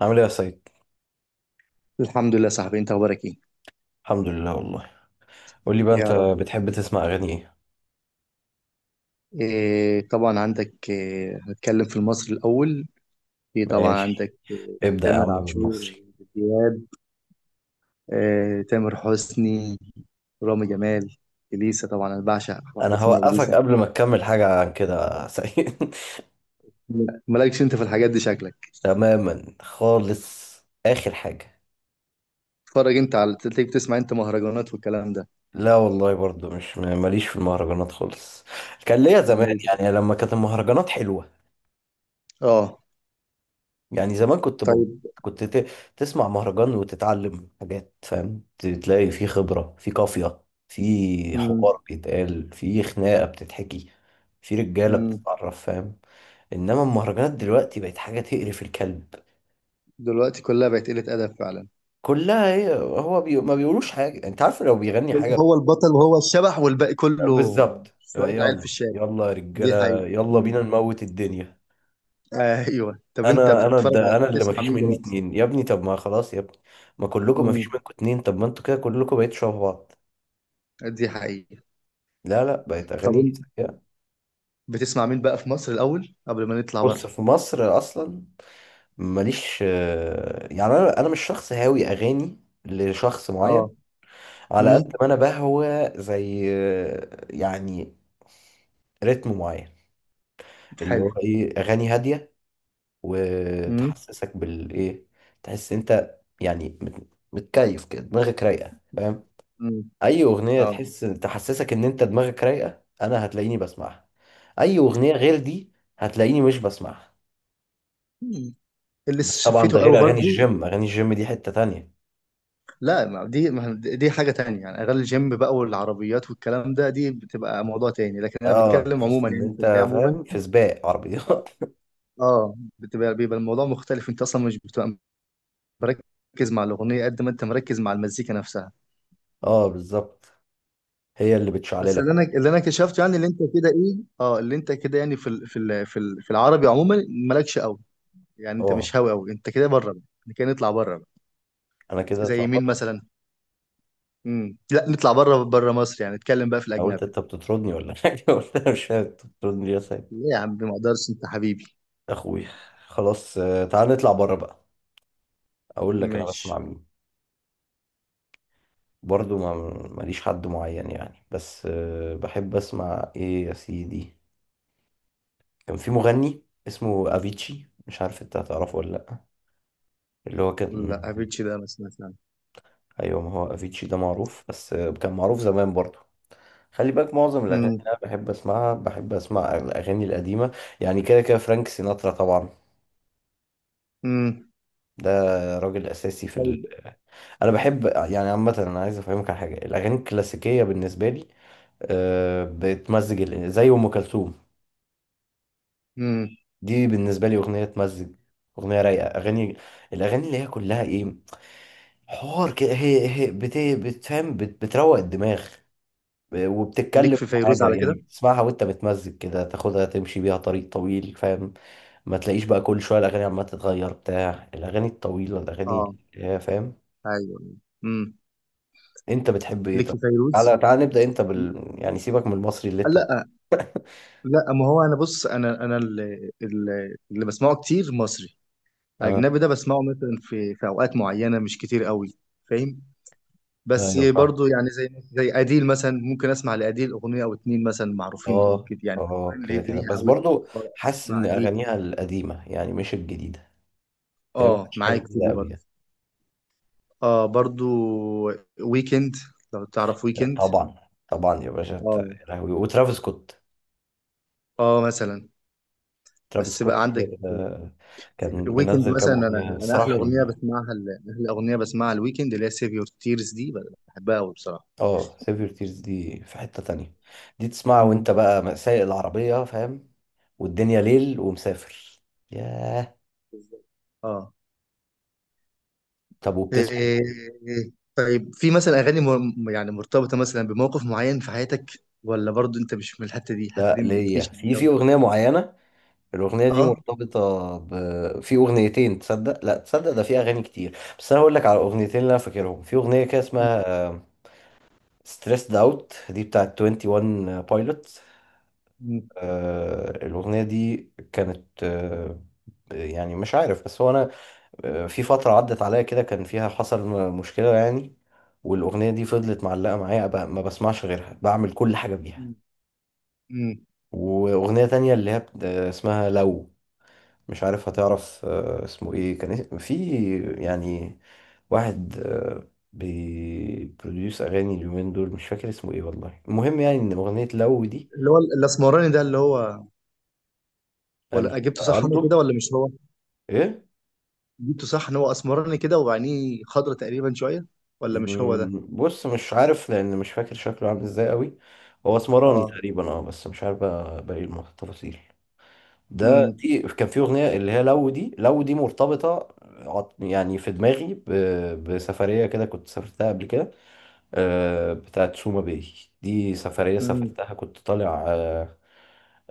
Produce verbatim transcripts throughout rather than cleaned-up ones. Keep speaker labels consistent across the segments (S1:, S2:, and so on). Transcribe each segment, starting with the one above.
S1: عامل ايه يا سيد؟
S2: الحمد لله، صاحبي. انت اخبارك ايه؟
S1: الحمد لله والله. قول لي بقى، انت
S2: يا رب.
S1: بتحب تسمع اغاني ايه؟
S2: إيه طبعا، عندك إيه؟ هتكلم في المصري الاول. في طبعا
S1: ماشي.
S2: عندك إيه.
S1: ابدأ يا
S2: تامر
S1: عم
S2: عاشور،
S1: بالمصري.
S2: عمرو دياب، إيه تامر حسني، رامي جمال، اليسا. طبعا انا بعشق واحده
S1: انا
S2: اسمها
S1: هوقفك
S2: اليسا.
S1: قبل ما تكمل حاجة عن كده يا سيد.
S2: مالكش انت في الحاجات دي شكلك.
S1: تماما خالص. اخر حاجة.
S2: تتفرج انت على، تلاقيك بتسمع انت مهرجانات والكلام ده؟
S1: لا والله، برضو مش ماليش في المهرجانات خالص. كان ليا زمان،
S2: امال
S1: يعني
S2: بتت-
S1: لما كانت المهرجانات حلوة.
S2: اه،
S1: يعني زمان كنت بب...
S2: طيب.
S1: كنت ت... تسمع مهرجان وتتعلم حاجات، فاهم؟ ت- تلاقي في خبرة، في قافية، في
S2: مم.
S1: حوار بيتقال، في خناقة بتتحكي، في رجالة
S2: مم.
S1: بتتعرف، فاهم؟ انما المهرجانات دلوقتي بقت حاجة تقرف الكلب.
S2: دلوقتي كلها بقت قلة ادب فعلا.
S1: كلها، هي هو بي... ما بيقولوش حاجة، انت عارف، لو بيغني حاجة.
S2: هو البطل وهو الشبح والباقي كله
S1: بالظبط.
S2: شويه عيال في
S1: يلا،
S2: الشارع.
S1: يلا يا
S2: دي حقيقة.
S1: رجالة، يلا بينا نموت الدنيا.
S2: ايوه، طب انت
S1: انا انا
S2: بتتفرج
S1: ده
S2: على
S1: انا اللي
S2: بتسمع
S1: مفيش
S2: مين
S1: مني
S2: دلوقتي؟
S1: اتنين يا ابني. طب ما خلاص يا ابني، ما كلكم مفيش
S2: امم.
S1: منكم اتنين. طب ما انتوا كده كلكم بقيتوا شبه بعض.
S2: دي حقيقة.
S1: لا لا، بقت
S2: طب
S1: اغاني
S2: انت
S1: سيئة.
S2: بتسمع مين بقى في مصر الاول قبل ما نطلع
S1: بص،
S2: بره؟
S1: في مصر اصلا ماليش. آه، يعني انا انا مش شخص هاوي اغاني لشخص
S2: اه.
S1: معين. على
S2: امم.
S1: قد ما انا بهوى، زي آه، يعني رتم معين، اللي هو
S2: حلو.
S1: ايه، اغاني هاديه
S2: امم.
S1: وتحسسك بالايه، تحس انت يعني مت- متكيف كده، دماغك رايقه، فاهم؟
S2: امم.
S1: اي اغنيه
S2: اه.
S1: تحس تحسسك ان انت دماغك رايقه، انا هتلاقيني بسمعها. اي اغنيه غير دي هتلاقيني مش بسمعها.
S2: مم. اللي
S1: بس طبعا
S2: شفيته
S1: ده
S2: قوي
S1: غير اغاني
S2: برضو.
S1: الجيم، اغاني الجيم دي حته تانية.
S2: لا، ما دي ما دي حاجة تانية يعني. اغاني الجيم بقى والعربيات والكلام ده دي بتبقى موضوع تاني، لكن انا
S1: اه
S2: بتكلم
S1: تحس
S2: عموما
S1: ان
S2: يعني، في
S1: انت،
S2: الحياة عموما.
S1: فاهم، في سباق
S2: اه.
S1: عربيات.
S2: آه، بتبقى بيبقى الموضوع مختلف. انت اصلا مش بتبقى مركز مع الأغنية قد ما انت مركز مع المزيكا نفسها.
S1: اه بالظبط، هي اللي
S2: بس
S1: بتشعللك.
S2: اللي انا اللي انا كشفته يعني، اللي انت كده ايه اه اللي انت كده يعني، في ال... في ال... في ال... في العربي عموما، مالكش قوي. يعني انت
S1: اه،
S2: مش هاوي قوي، انت كده بره بقى. احنا كده نطلع بره بقى.
S1: انا كده
S2: زي مين
S1: اتلخبطت.
S2: مثلا؟ امم. لا، نطلع بره، بره مصر يعني. نتكلم بقى في
S1: أنا قلت
S2: الاجنبي.
S1: انت بتطردني ولا حاجه، قلت انا مش فاهم انت بتطردني ليه يا سيد.
S2: ليه يا عم؟ ما اقدرش، انت حبيبي.
S1: اخوي. خلاص آه، تعال نطلع بره بقى، اقول لك انا بسمع
S2: ماشي.
S1: مين. برضو ما، ماليش حد معين يعني، بس آه، بحب اسمع ايه يا سيدي. كان في مغني اسمه افيتشي، مش عارف انت هتعرفه ولا لا، اللي هو كان.
S2: لا، افيتش ده مثلا فعلا.
S1: ايوه ما هو افيتشي ده معروف، بس آه، كان معروف زمان برضو. خلي بالك معظم الاغاني اللي
S2: امم.
S1: انا بحب اسمعها، بحب اسمع الاغاني القديمه. يعني كده كده فرانك سيناترا طبعا.
S2: امم.
S1: ده راجل اساسي في ال...
S2: طيب.
S1: انا بحب، يعني عامه انا عايز افهمك على حاجه، الاغاني الكلاسيكيه بالنسبه لي آه، بتمزج ال- زي ام كلثوم.
S2: امم.
S1: دي بالنسبة لي أغنية تمزج، أغنية رايقة. أغاني، الأغاني اللي هي كلها إيه، حوار كده، هي هي بت... بتفهم، بت... بتروق الدماغ، آه،
S2: ليك
S1: وبتتكلم
S2: في
S1: في
S2: فيروز
S1: حاجة،
S2: على
S1: يعني
S2: كده؟
S1: بتسمعها وأنت متمزج كده، تاخدها تمشي بيها طريق طويل، فاهم؟ ما تلاقيش بقى كل شوية الأغاني عمالة تتغير، بتاع الأغاني الطويلة، الأغاني
S2: اه.
S1: اللي هي فاهم.
S2: ايوه. امم.
S1: أنت بتحب إيه
S2: ليك
S1: طب؟
S2: في فيروز؟
S1: تعالى تعالى نبدأ أنت بال، يعني سيبك من المصري اللي أنت.
S2: لا لا، ما هو انا بص، انا انا اللي, اللي اللي بسمعه كتير مصري.
S1: آه
S2: اجنبي ده بسمعه مثلا في في اوقات معينه، مش كتير قوي، فاهم؟ بس
S1: أيوه فاهم.
S2: برضو يعني، زي زي اديل مثلا، ممكن اسمع لاديل اغنيه او اتنين مثلا، معروفين
S1: آه.
S2: كده يعني.
S1: آه
S2: اللي
S1: كده كده،
S2: ليها
S1: بس
S2: قوي.
S1: برضو حاسس إن
S2: اسمع اديل.
S1: أغانيها القديمة يعني، مش الجديدة. هي ما
S2: اه،
S1: كانتش حاجه
S2: معاك في
S1: جديده
S2: دي
S1: قوي.
S2: برضو. اه برضو. ويكند، لو تعرف
S1: يعني
S2: ويكند.
S1: طبعا، طبعا يا باشا. أنت-
S2: اه.
S1: يا لهوي، وترافيس سكوت.
S2: اه مثلا.
S1: ترافيس
S2: بس بقى
S1: سكوت،
S2: عندك.
S1: آه، كان
S2: ويكند
S1: منزل كام
S2: مثلا. انا
S1: اغنيه
S2: انا
S1: الصراحه
S2: احلى
S1: حلوين
S2: اغنيه
S1: يعني.
S2: بسمعها ال- احلى اغنيه بسمعها الويكند اللي هي سيف يور تيرز دي. بحبها قوي بصراحه.
S1: اه سيف يور تيرز دي في حته تانية، دي تسمعها
S2: امم.
S1: وانت بقى سايق العربيه، فاهم؟ والدنيا ليل ومسافر. ياه.
S2: بالظبط. اه.
S1: طب وبتسمع.
S2: إيه، طيب، في مثلا اغاني م- يعني مرتبطه مثلا بموقف معين في حياتك؟ ولا برضو انت مش من الحته دي؟ الحته
S1: لا
S2: دي ما
S1: ليا،
S2: بتجيش
S1: في
S2: معاك
S1: في
S2: أوي؟
S1: اغنيه معينه، الاغنيه دي
S2: اه.
S1: مرتبطه ب... في اغنيتين، تصدق؟ لا تصدق، ده في اغاني كتير، بس انا هقول لك على اغنيتين اللي انا فاكرهم. في اغنيه كده اسمها ستريسد اوت، دي بتاعت واحد وعشرين بايلوت.
S2: م.
S1: آه، الاغنيه دي كانت آه، يعني مش عارف، بس هو انا آه، في فتره عدت عليا كده كان فيها حصل م- مشكله يعني، والاغنيه دي فضلت معلقه معايا، ب- ما بسمعش غيرها، بعمل كل حاجه بيها.
S2: م. م.
S1: واغنيه تانية اللي هي بت- آه، اسمها لو. مش عارف هتعرف آه، اسمه ايه. كان اس- في يعني واحد آه، بيبروديوس اغاني اليومين دول، مش فاكر اسمه ايه والله، المهم يعني ان اغنيه لو دي
S2: اللي هو الاسمراني ده اللي هو. ولا
S1: يعني.
S2: جبته صح انا كده،
S1: الدو.
S2: ولا مش هو؟
S1: ايه.
S2: جبته صح ان هو اسمراني كده، وعينيه خضرة تقريبا شويه. ولا مش هو ده؟
S1: مم، بص مش عارف، لان مش فاكر شكله عامل ازاي قوي. هو اسمراني
S2: اه.
S1: تقريبا اه، بس مش عارف بقى باقي التفاصيل. ده
S2: م.
S1: دي كان في اغنيه اللي هي لو، دي لو دي مرتبطه عط- يعني في دماغي، ب- بسفريه كده كنت سافرتها قبل كده آه، بتاعت سوما باي. دي سفريه
S2: م.
S1: سافرتها، كنت طالع آه،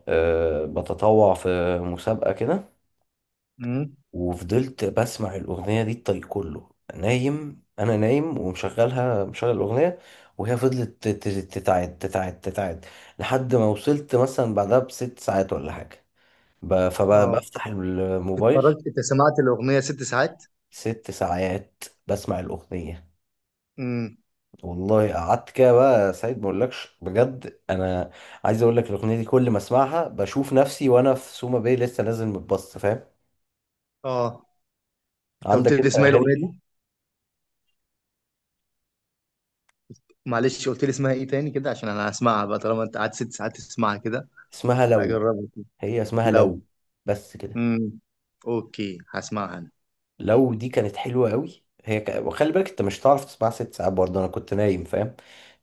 S1: آه، بتطوع في مسابقه كده،
S2: م.
S1: وفضلت بسمع الأغنية دي الطريق كله. نايم، أنا نايم ومشغلها، مشغل الأغنية، وهي فضلت تت- تتعاد تتعاد تتعاد، لحد ما وصلت مثلا بعدها بست ساعات ولا حاجة، ب-
S2: اه،
S1: فبفتح الموبايل.
S2: اتفرجت انت، سمعت الاغنيه ست ساعات؟
S1: ست ساعات بسمع الأغنية،
S2: م.
S1: والله. قعدت كده بقى سعيد، ما اقولكش، بجد انا عايز اقول لك الاغنيه دي كل ما اسمعها بشوف نفسي وانا في سوما باي لسه نازل متبسط، فاهم؟
S2: اه، انت قلت
S1: عندك
S2: لي
S1: انت
S2: اسمها إيه
S1: اغاني
S2: الاغنيه
S1: كده.
S2: دي؟ معلش، قلت لي اسمها ايه تاني كده، عشان انا هسمعها بقى، طالما انت قعدت ست ساعات تسمعها كده.
S1: اسمها لو.
S2: هجربها.
S1: هي اسمها
S2: لو.
S1: لو، بس كده.
S2: امم. اوكي، هسمعها انا.
S1: لو دي كانت حلوة قوي، هي ك... وخلي بالك انت مش هتعرف تسمعها ست ساعات برضه، انا كنت نايم فاهم،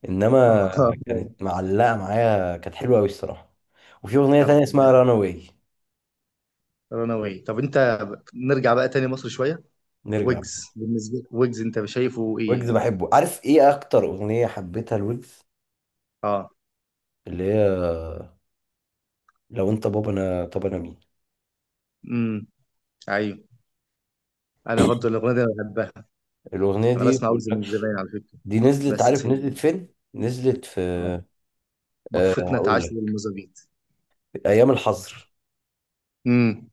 S1: انما كانت معلقة معايا، كانت حلوة قوي الصراحة. وفي اغنية
S2: طب،
S1: تانية اسمها رانا واي.
S2: رناوي؟ طب انت، نرجع بقى تاني مصر شويه.
S1: نرجع بيها.
S2: ويجز بالنسبه لك، ويجز انت شايفه ايه
S1: ويجز
S2: يعني؟
S1: بحبه، عارف ايه اكتر اغنية حبيتها لويجز؟
S2: اه.
S1: اللي هي لو انت بابا انا طب انا مين.
S2: امم. ايوه. انا برضو الاغنيه دي انا بحبها.
S1: الاغنية
S2: انا
S1: دي،
S2: بسمع
S1: بقول
S2: ويجز
S1: لك،
S2: من زمان على فكره.
S1: دي نزلت،
S2: بس.
S1: عارف نزلت فين؟ نزلت في،
S2: اه.
S1: أه
S2: بفتنا
S1: هقول
S2: اتعاش
S1: لك،
S2: للمزابيط.
S1: ايام الحظر.
S2: امم.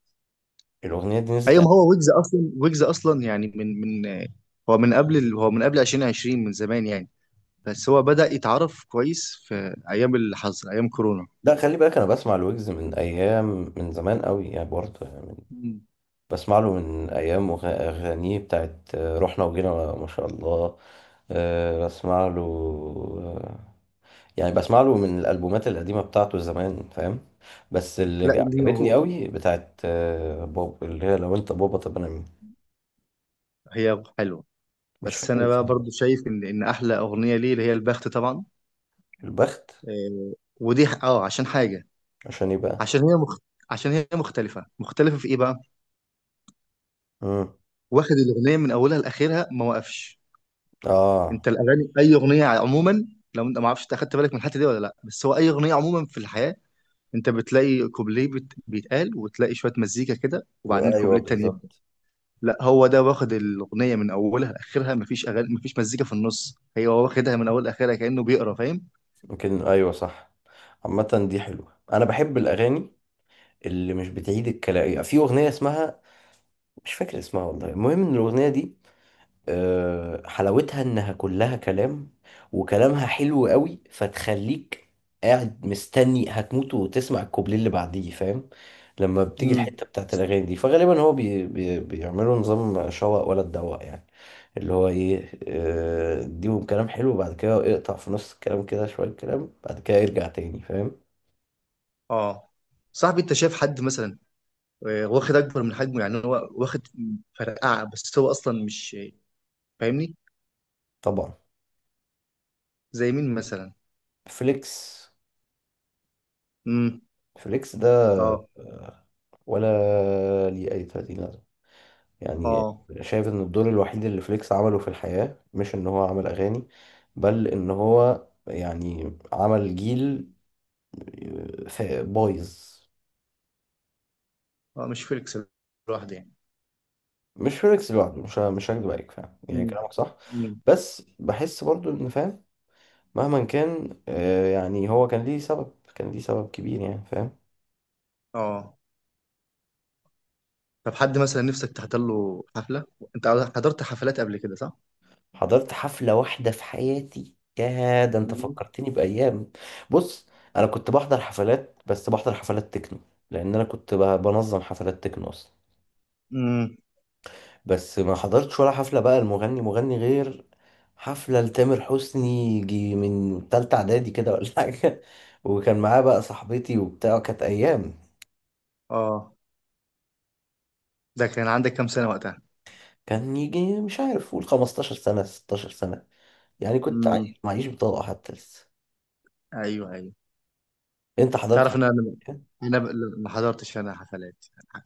S1: الاغنية دي نزلت.
S2: ايوه، ما هو ويجز اصلا، ويجز اصلا يعني، من من هو من قبل ال- هو من قبل ألفين وعشرين، من زمان يعني. بس هو بدأ يتعرف كويس في أيام الحظر، أيام كورونا.
S1: لا خلي بالك، انا بسمع الويجز من ايام، من زمان قوي يعني برضه يعني من-
S2: مم.
S1: بسمع له من ايام وغ- اغانيه بتاعت آه، رحنا وجينا ما شاء الله. آه، بسمع له آه، يعني بسمع له من الالبومات القديمه بتاعته زمان، فاهم؟ بس
S2: لا
S1: اللي
S2: ليه
S1: عجبتني
S2: هو،
S1: قوي بتاعت آه، بوب، اللي هي لو انت بابا طب انا مين.
S2: هي حلوة،
S1: مش
S2: بس
S1: فاكر
S2: أنا بقى
S1: اسمها
S2: برضو
S1: بس.
S2: شايف إن إن أحلى أغنية ليه اللي هي البخت طبعا.
S1: البخت.
S2: آه، ودي ح- أه عشان حاجة.
S1: عشان يبقى.
S2: عشان هي مخت... عشان هي مختلفة، مختلفة في إيه بقى؟
S1: امم.
S2: واخد الأغنية من أولها لآخرها، ما وقفش.
S1: اه.
S2: أنت الأغاني، أي أغنية عموما، لو أنت، ما أعرفش أنت أخدت بالك من الحتة دي ولا لأ، بس هو أي أغنية عموما في الحياة، أنت بتلاقي كوبليه بت... بيتقال، وتلاقي شوية مزيكا كده، وبعدين
S1: وايوه
S2: كوبليه تاني.
S1: بالظبط.
S2: لا، هو ده واخد الاغنيه من اولها لاخرها، مفيش اغاني، مفيش مزيكا في النص. هي هو واخدها من اول لاخرها كانه بيقرا، فاهم.
S1: يمكن ايوه صح. عامه دي حلوه، انا بحب الاغاني اللي مش بتعيد الكلام. في اغنيه اسمها، مش فاكر اسمها والله، المهم ان الاغنيه دي آه، حلاوتها انها كلها كلام، وكلامها حلو قوي، فتخليك قاعد مستني هتموت وتسمع الكوبليه اللي بعديه، فاهم؟ لما بتيجي
S2: امم.
S1: الحته بتاعت الاغاني دي، فغالبا هو بي بي بيعملوا نظام شوق ولا تدوق يعني، اللي هو ايه، آه، اديهم كلام حلو بعد كده اقطع في نص الكلام كده شويه كلام بعد كده يرجع تاني، فاهم؟
S2: اه. صاحبي انت شايف حد مثلا، آه، واخد اكبر من حجمه؟ يعني هو واخد فرقعه، بس هو اصلا مش، فاهمني؟
S1: طبعا.
S2: زي مين مثلا؟
S1: فليكس.
S2: امم.
S1: فليكس ده
S2: اه.
S1: آه، ولا ليه أي تلاتين لازمة يعني.
S2: اه.
S1: شايف إن الدور الوحيد اللي فليكس عمله في الحياة مش إن هو عمل أغاني، بل إن هو يعني عمل جيل فا- بايظ.
S2: اه، مش فيليكس لوحده يعني.
S1: مش فليكس لوحده، مش ه- مش هكدب عليك، فاهم، يعني
S2: امم.
S1: كلامك صح،
S2: امم.
S1: بس بحس برضو إن، فاهم، مهما كان آه، يعني هو كان ليه سبب، كان ليه سبب كبير يعني، فاهم؟
S2: اه. طب، حد مثلا نفسك تحضر له حفله؟ انت حضرت حفلات قبل كده صح؟
S1: حضرت حفلة واحدة في حياتي، يا ده انت
S2: امم.
S1: فكرتني بأيام. بص، انا كنت بحضر حفلات، بس بحضر حفلات تكنو، لان انا كنت ب- بنظم حفلات تكنو اصلا.
S2: امم.
S1: بس ما حضرتش ولا حفلة بقى المغني مغني، غير حفلة لتامر حسني، يجي من تالتة اعدادي كده ولا حاجة. وكان معاه بقى صاحبتي وبتاع، كانت ايام.
S2: اه. ده كان عندك كام سنه وقتها؟
S1: كان يجي مش عارف، قول خمستاشر سنة ستاشر سنة، يعني كنت
S2: امم.
S1: عايش معيش بطاقة حتى لسه.
S2: ايوه ايوه.
S1: انت حضرت
S2: تعرف ان
S1: حفلة
S2: انا انا ب- ما حضرتش انا حفلات.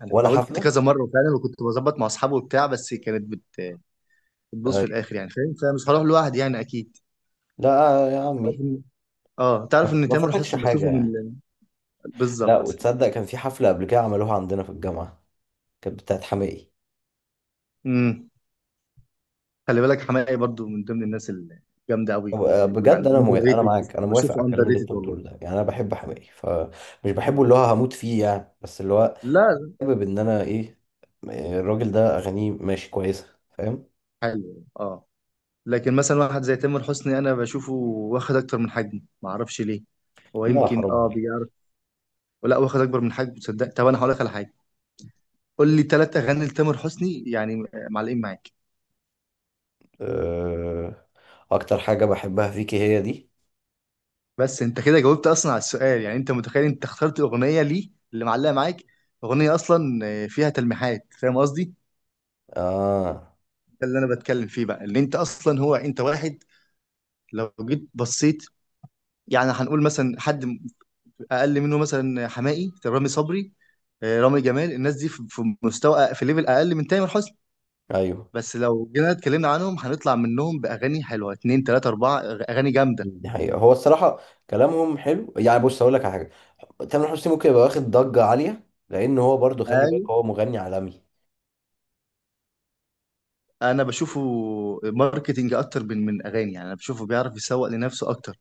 S2: انا
S1: ولا
S2: حاولت
S1: حفلة؟
S2: كذا مره وفعلا، وكنت بظبط مع اصحابي وبتاع، بس كانت بت- بتبوظ في
S1: آه،
S2: الاخر يعني، فاهم. فمش هروح لوحدي يعني اكيد.
S1: لا يا
S2: تعرف
S1: عمي،
S2: ان اه تعرف
S1: ما
S2: ان
S1: ما
S2: تامر
S1: فاتكش
S2: حسني بشوفه
S1: حاجة يعني.
S2: من.
S1: لا
S2: بالظبط.
S1: وتصدق كان في حفلة قبل كده عملوها عندنا في الجامعة، كانت بتاعت حماقي.
S2: امم. خلي بالك حماقي برضو من ضمن الناس الجامده قوي،
S1: طب، آه، بجد
S2: ويعني
S1: انا
S2: اندر
S1: موافق، انا
S2: ريتد،
S1: معاك، انا موافق على
S2: بشوفه اندر
S1: الكلام اللي انت
S2: ريتد والله.
S1: بتقوله ده، يعني انا بحب حماقي، فمش بحبه
S2: آه.
S1: اللي هو هموت فيه يعني، بس اللي هو
S2: لا،
S1: حابب ان انا ايه، آه، الراجل ده اغانيه ماشي كويسة، فاهم؟
S2: حلو اه، لكن مثلا واحد زي تامر حسني انا بشوفه واخد اكتر من حجمه، ما اعرفش ليه، هو
S1: لا
S2: يمكن
S1: حرام
S2: اه،
S1: عليك.
S2: ولا واخد اكبر من حجمه؟ تصدق، طب انا هقول لك على حاجه. قول لي ثلاث اغاني لتامر حسني يعني معلقين معاك.
S1: أه... اكتر حاجة بحبها فيكي هي دي.
S2: بس انت كده جاوبت اصلا على السؤال يعني، انت متخيل انت اخترت اغنيه ليه اللي معلقه معاك، اغنيه اصلا فيها تلميحات، فاهم قصدي؟
S1: اه.
S2: ده اللي انا بتكلم فيه بقى، اللي انت اصلا هو انت واحد لو جيت بصيت، يعني هنقول مثلا حد اقل منه، مثلا حماقي، رامي صبري، آه، رامي جمال. الناس دي في في مستوى، في ليفل اقل من تامر حسني.
S1: ايوه
S2: بس لو جينا اتكلمنا عنهم، هنطلع منهم باغاني حلوه، اتنين تلاته اربعه اغاني جامده.
S1: دي حقيقة، هو الصراحة كلامهم حلو يعني. بص هقول لك على حاجة، تامر حسني ممكن يبقى واخد ضجة عالية، لأن هو برضو خلي
S2: ايوه.
S1: بالك هو مغني عالمي.
S2: انا بشوفه ماركتينج اكتر من من اغاني يعني، انا بشوفه بيعرف يسوق لنفسه اكتر.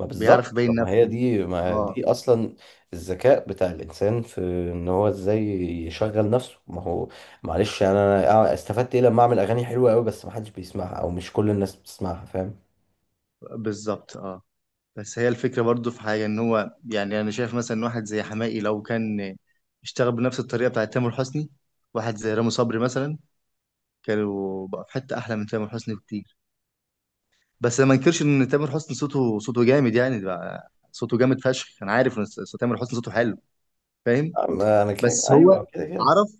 S1: ما
S2: بيعرف
S1: بالظبط،
S2: يبين
S1: طب ما هي
S2: نفسه.
S1: دي، ما
S2: اه.
S1: دي أصلا الذكاء بتاع الإنسان، في إن هو إزاي يشغل نفسه. ما هو معلش يعني، أنا استفدت إيه لما أعمل أغاني حلوة أوي بس ما حدش بيسمعها أو مش كل الناس بتسمعها، فاهم؟
S2: بالظبط اه. بس هي الفكره برضو، في حاجه ان هو يعني، انا شايف مثلا واحد زي حماقي لو كان اشتغل بنفس الطريقه بتاعت تامر حسني، واحد زي رامي صبري مثلا، كانوا بقى في حته احلى من تامر حسني بكتير. بس أنا ما انكرش ان تامر حسني صوته، صوته جامد يعني بقى، صوته جامد فشخ، انا عارف ان س- تامر حسني صوته حلو، فاهم.
S1: أم- أنا كده
S2: بس هو
S1: أيوه، كده كده.
S2: عرف،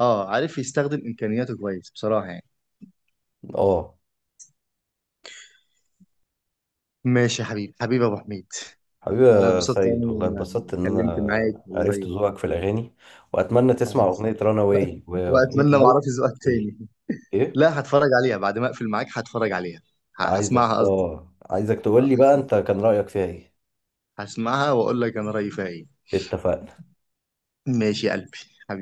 S2: اه عارف يستخدم امكانياته كويس بصراحه يعني.
S1: أه.
S2: ماشي يا حبيبي، حبيبي يا ابو حميد.
S1: حبيبي
S2: انا
S1: يا
S2: اتبسطت أوي
S1: سيد، والله
S2: اني
S1: اتبسطت ان انا
S2: اتكلمت معاك
S1: عرفت
S2: والله.
S1: ذوقك في الاغاني، واتمنى
S2: و-
S1: تسمع اغنيه رانا واي واغنيه
S2: واتمنى ما
S1: لو.
S2: اعرفش ذوقك
S1: قولي.
S2: تاني.
S1: ايه.
S2: لا، هتفرج عليها بعد ما اقفل معاك، هتفرج عليها. ه-
S1: عايزك،
S2: هسمعها قصدي.
S1: اه عايزك تقول
S2: آه،
S1: لي بقى
S2: هسم-
S1: انت كان رايك فيها ايه.
S2: هسمعها واقول لك انا رايي فيها ايه.
S1: اتفقنا.
S2: ماشي يا قلبي. حبيبي.